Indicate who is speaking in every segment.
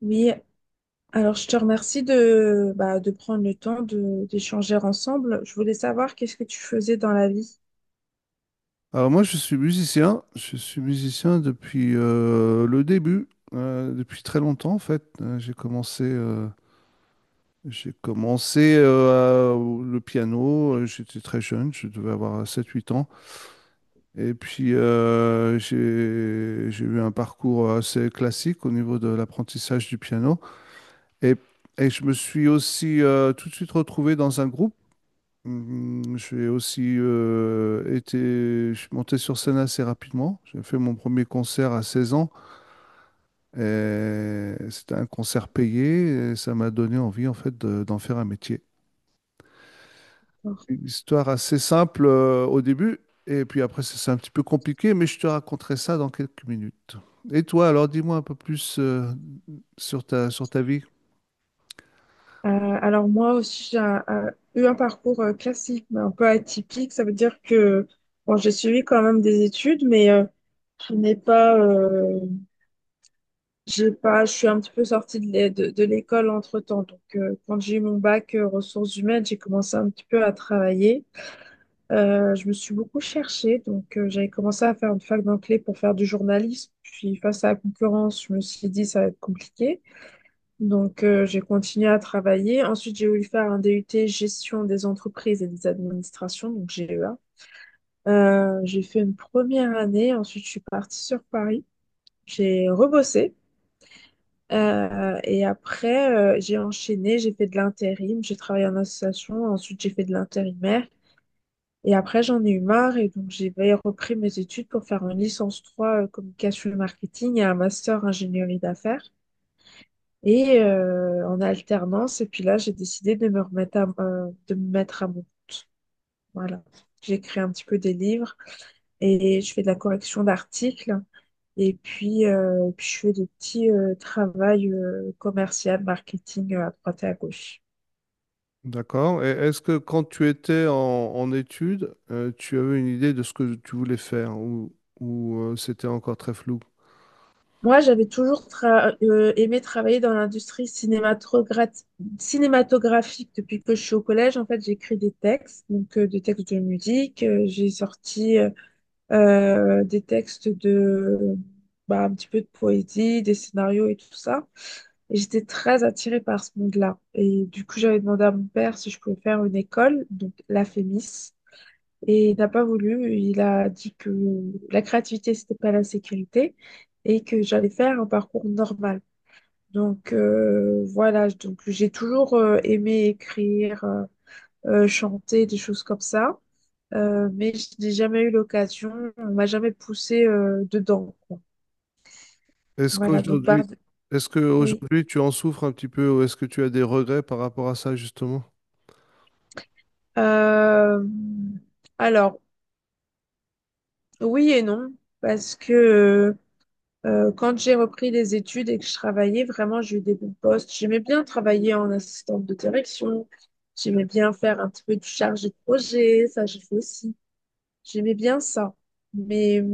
Speaker 1: Oui, alors je te remercie de prendre le temps de d'échanger ensemble. Je voulais savoir qu'est-ce que tu faisais dans la vie.
Speaker 2: Alors moi, je suis musicien. Je suis musicien depuis le début, depuis très longtemps en fait. J'ai commencé le piano. J'étais très jeune, je devais avoir sept huit ans. Et puis j'ai eu un parcours assez classique au niveau de l'apprentissage du piano. Et, et je me suis aussi tout de suite retrouvé dans un groupe. J'ai aussi été, je suis monté sur scène assez rapidement. J'ai fait mon premier concert à 16 ans, et c'était un concert payé, et ça m'a donné envie en fait d'en faire un métier. Une histoire assez simple au début, et puis après c'est un petit peu compliqué, mais je te raconterai ça dans quelques minutes. Et toi alors, dis-moi un peu plus sur ta vie.
Speaker 1: Euh, alors moi aussi, j'ai un- eu un parcours classique, mais un peu atypique. Ça veut dire que bon, j'ai suivi quand même des études, mais je n'ai pas, j'ai pas, je suis un petit peu sortie de l'école entre-temps. Donc quand j'ai eu mon bac ressources humaines, j'ai commencé un petit peu à travailler. Je me suis beaucoup cherchée, donc j'avais commencé à faire une fac d'anglais pour faire du journalisme. Puis face à la concurrence, je me suis dit ça va être compliqué. Donc j'ai continué à travailler. Ensuite, j'ai voulu faire un DUT gestion des entreprises et des administrations, donc GEA. J'ai fait une première année, ensuite je suis partie sur Paris. J'ai rebossé et après j'ai enchaîné, j'ai fait de l'intérim, j'ai travaillé en association, ensuite j'ai fait de l'intérimaire. Et après, j'en ai eu marre et donc j'ai repris mes études pour faire une licence 3 communication et marketing et un master ingénierie d'affaires. Et en alternance, et puis là, j'ai décidé de me mettre à mon... Voilà. J'écris un petit peu des livres et je fais de la correction d'articles. Et puis je fais des petits travaux commercial, marketing à droite et à gauche.
Speaker 2: D'accord. Et est-ce que, quand tu étais en études, tu avais une idée de ce que tu voulais faire, ou c'était encore très flou?
Speaker 1: Moi, j'avais toujours aimé travailler dans l'industrie cinématographique depuis que je suis au collège. En fait, j'écris des textes, donc des textes de musique. J'ai sorti des textes de, un petit peu de poésie, des scénarios et tout ça. Et j'étais très attirée par ce monde-là. Et du coup, j'avais demandé à mon père si je pouvais faire une école, donc la FEMIS. Et il n'a pas voulu, il a dit que la créativité, c'était pas la sécurité et que j'allais faire un parcours normal. Donc voilà, donc j'ai toujours aimé écrire, chanter, des choses comme ça, mais je n'ai jamais eu l'occasion, on m'a jamais poussé dedans, quoi.
Speaker 2: Est-ce
Speaker 1: Voilà, donc
Speaker 2: qu'aujourd'hui,
Speaker 1: pardon.
Speaker 2: est-ce que
Speaker 1: Oui.
Speaker 2: aujourd'hui tu en souffres un petit peu, ou est-ce que tu as des regrets par rapport à ça justement?
Speaker 1: Euh, alors, oui et non, parce que quand j'ai repris les études et que je travaillais, vraiment, j'ai eu des bons postes. J'aimais bien travailler en assistante de direction. J'aimais bien faire un petit peu du chargé de projet. Ça, j'ai fait aussi. J'aimais bien ça. Mais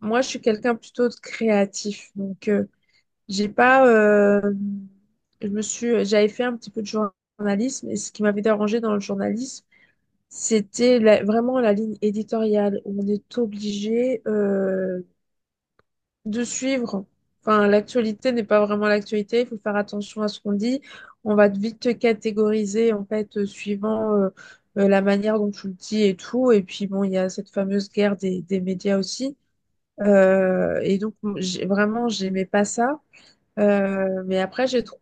Speaker 1: moi, je suis quelqu'un plutôt de créatif. Donc, j'ai pas. Je me suis, j'avais fait un petit peu de journalisme. Et ce qui m'avait dérangé dans le journalisme, c'était vraiment la ligne éditoriale où on est obligé de suivre. Enfin, l'actualité n'est pas vraiment l'actualité, il faut faire attention à ce qu'on dit. On va vite te catégoriser en fait suivant la manière dont tu le dis et tout. Et puis bon, il y a cette fameuse guerre des médias aussi. Et donc vraiment, j'aimais pas ça. Mais après,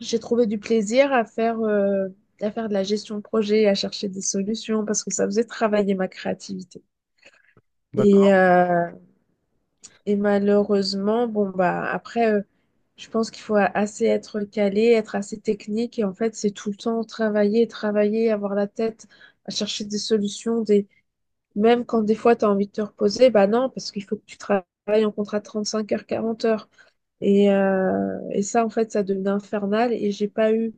Speaker 1: j'ai trouvé du plaisir à faire de la gestion de projet, à chercher des solutions parce que ça faisait travailler ma créativité. Et,
Speaker 2: D'accord.
Speaker 1: euh, et malheureusement, bon, après, je pense qu'il faut assez être calé, être assez technique. Et en fait, c'est tout le temps travailler, travailler, avoir la tête à chercher des solutions. Des... Même quand des fois, tu as envie de te reposer, bah non, parce qu'il faut que tu travailles en contrat de 5 heures, 40 heures. Et ça, en fait, ça devenait infernal. Et j'ai pas eu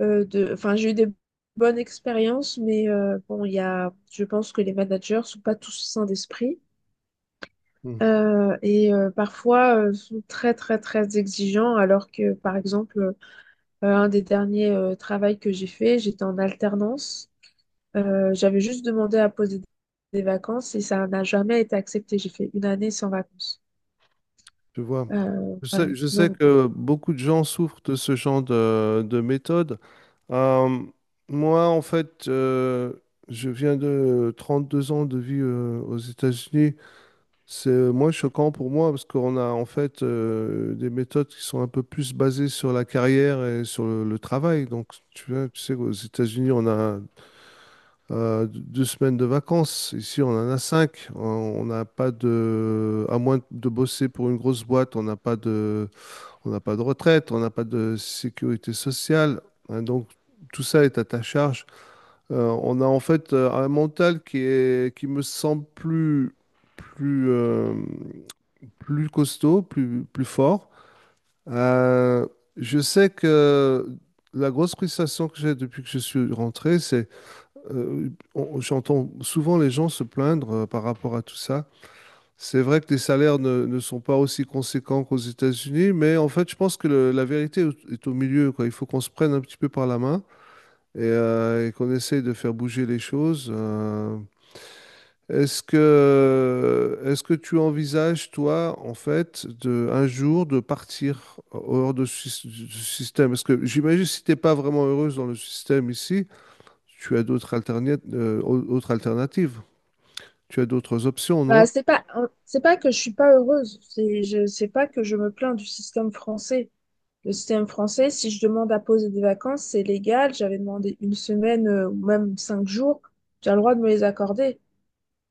Speaker 1: de. Enfin, j'ai eu des bonnes expériences, mais bon, il y a... je pense que les managers sont pas tous sains d'esprit.
Speaker 2: Mhm.
Speaker 1: Et parfois sont très très très exigeants alors que par exemple un des derniers travails que j'ai fait, j'étais en alternance. J'avais juste demandé à poser des vacances et ça n'a jamais été accepté, j'ai fait une année sans vacances.
Speaker 2: Tu vois, je
Speaker 1: Voilà,
Speaker 2: sais, je sais
Speaker 1: donc
Speaker 2: que beaucoup de gens souffrent de ce genre de méthode. Euh, Moi, en fait, je viens de 32 ans de vie aux États-Unis. C'est moins choquant pour moi, parce qu'on a en fait des méthodes qui sont un peu plus basées sur la carrière et sur le travail. Donc, tu vois, tu sais qu'aux États-Unis, on a 2 semaines de vacances. Ici, on en a cinq. On n'a pas de, à moins de bosser pour une grosse boîte, on n'a pas de retraite, on n'a pas de sécurité sociale. Hein, donc, tout ça est à ta charge. On a en fait un mental qui est, qui me semble plus, euh, plus costaud, plus fort. Euh, je sais que la grosse frustration que j'ai depuis que je suis rentré, c'est euh, j'entends souvent les gens se plaindre par rapport à tout ça. C'est vrai que les salaires ne sont pas aussi conséquents qu'aux États-Unis, mais en fait, je pense que la vérité est au milieu, quoi. Il faut qu'on se prenne un petit peu par la main et qu'on essaye de faire bouger les choses. Est-ce que tu envisages, toi, en fait, un jour de partir hors de du système? Parce que j'imagine, si tu n'es pas vraiment heureuse dans le système ici, tu as d'autres alterna- au- autres alternatives, tu as d'autres options, non?
Speaker 1: bah, c'est pas c'est pas que je suis pas heureuse, c'est pas que je me plains du système français. Le système français, si je demande à poser des vacances, c'est légal. J'avais demandé une semaine ou même 5 jours, j'ai le droit de me les accorder.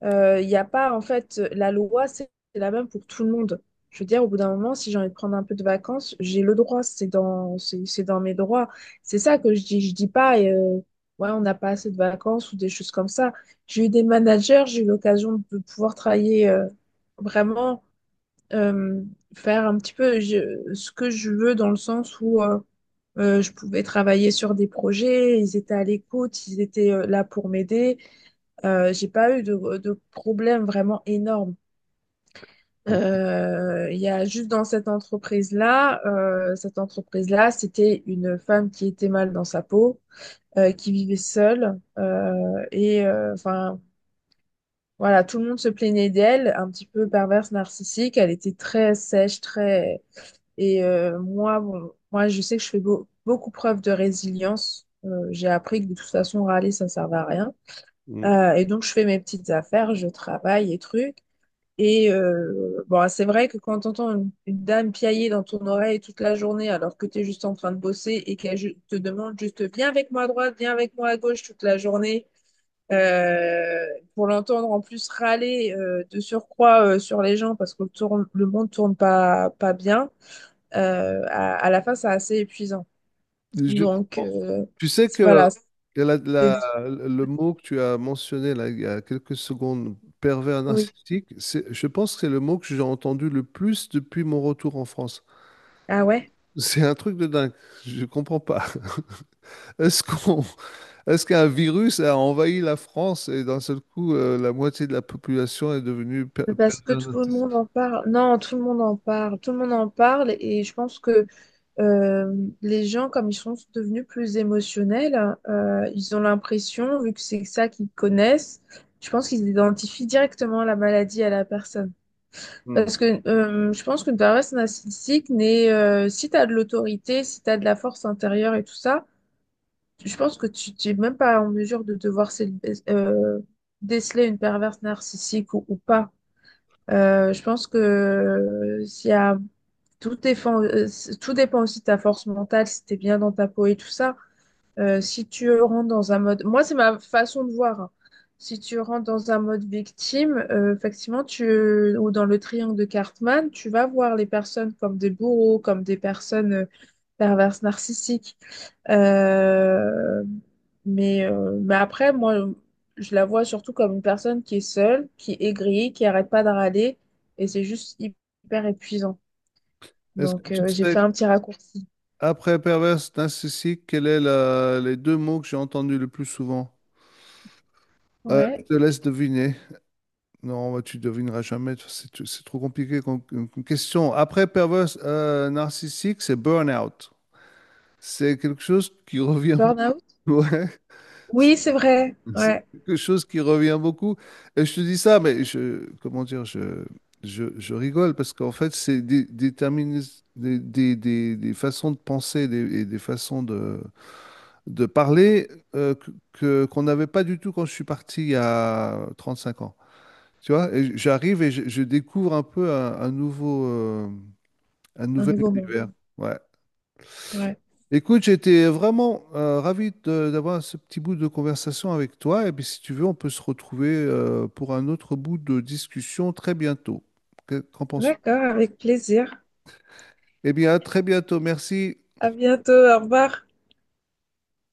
Speaker 1: Il n'y a pas, en fait, la loi, c'est la même pour tout le monde. Je veux dire, au bout d'un moment, si j'ai envie de prendre un peu de vacances, j'ai le droit, c'est dans mes droits. C'est ça que je dis. Je dis pas, ouais, on n'a pas assez de vacances ou des choses comme ça. J'ai eu des managers, j'ai eu l'occasion de pouvoir travailler vraiment, euh, faire un petit peu ce que je veux dans le sens où je pouvais travailler sur des projets, ils étaient à l'écoute, ils étaient là pour m'aider. J'ai pas eu de problème vraiment énorme. Il y a juste dans cette entreprise-là, c'était une femme qui était mal dans sa peau, qui vivait seule, enfin voilà, tout le monde se plaignait d'elle, un petit peu perverse, narcissique. Elle était très sèche, très moi, bon, moi, je sais que je fais beaucoup preuve de résilience. J'ai appris que de toute façon, râler, ça ne servait à rien.
Speaker 2: Mm.
Speaker 1: Et donc, je fais mes petites affaires, je travaille et trucs. Et bon, c'est vrai que quand tu entends une dame piailler dans ton oreille toute la journée alors que tu es juste en train de bosser et qu'elle te demande juste viens avec moi à droite, viens avec moi à gauche toute la journée, euh, pour l'entendre en plus râler de surcroît sur les gens parce que le monde tourne pas bien, à la fin c'est assez épuisant.
Speaker 2: Je
Speaker 1: Donc
Speaker 2: comprends. Tu sais que
Speaker 1: voilà, c'est des-
Speaker 2: le mot que tu as mentionné là, il y a quelques secondes, pervers
Speaker 1: oui.
Speaker 2: narcissique, c'est, je pense que c'est le mot que j'ai entendu le plus depuis mon retour en France.
Speaker 1: Ah ouais?
Speaker 2: C'est un truc de dingue. Je comprends pas. Est-ce qu'on, est-ce qu'un virus a envahi la France, et d'un seul coup, la moitié de la population est devenue
Speaker 1: Parce que
Speaker 2: pervers
Speaker 1: tout le
Speaker 2: narcissique?
Speaker 1: monde en parle. Non, tout le monde en parle. Tout le monde en parle, et je pense que Euh, les gens, comme ils sont devenus plus émotionnels, ils ont l'impression, vu que c'est ça qu'ils connaissent, je pense qu'ils identifient directement la maladie à la personne.
Speaker 2: Hmm.
Speaker 1: Parce que je pense qu'une personne narcissique n'est, si tu as de l'autorité, si tu as de la force intérieure et tout ça, je pense que tu n'es même pas en mesure de devoir euh, déceler une perverse narcissique ou pas. Je pense que s'il y a tout dépend, tout dépend aussi de ta force mentale, si t'es bien dans ta peau et tout ça. Si tu rentres dans un mode, moi c'est ma façon de voir. Hein. Si tu rentres dans un mode victime, effectivement, tu ou dans le triangle de Cartman, tu vas voir les personnes comme des bourreaux, comme des personnes perverses narcissiques. Euh, mais après, moi, je la vois surtout comme une personne qui est seule, qui est aigrie, qui arrête pas de râler, et c'est juste hyper épuisant.
Speaker 2: Est-ce que
Speaker 1: Donc,
Speaker 2: tu
Speaker 1: j'ai fait
Speaker 2: sais,
Speaker 1: un petit raccourci.
Speaker 2: après pervers narcissique, quels sont les deux mots que j'ai entendus le plus souvent? Je
Speaker 1: Ouais.
Speaker 2: te laisse deviner. Non, bah, tu devineras jamais. C'est c'est trop compliqué comme, question. Après perverse narcissique, c'est burn-out. C'est quelque chose qui revient
Speaker 1: Burnout?
Speaker 2: beaucoup. Ouais.
Speaker 1: Oui, c'est vrai.
Speaker 2: Mhm. C'est
Speaker 1: Ouais.
Speaker 2: quelque chose qui revient beaucoup. Et je te dis ça, mais je, comment dire, je rigole parce qu'en fait, c'est des façons de penser et des façons de parler qu'on n'avait pas du tout quand je suis parti il y a 35 ans. Tu vois, et j'arrive et je découvre un peu un
Speaker 1: Un
Speaker 2: nouvel
Speaker 1: nouveau monde.
Speaker 2: univers. Ouais.
Speaker 1: Ouais.
Speaker 2: Écoute, j'étais vraiment ravi d'avoir ce petit bout de conversation avec toi. Et puis, si tu veux, on peut se retrouver pour un autre bout de discussion très bientôt. Qu'en penses-tu?
Speaker 1: D'accord, avec plaisir.
Speaker 2: Eh bien, à très bientôt. Merci.
Speaker 1: À bientôt. Au revoir.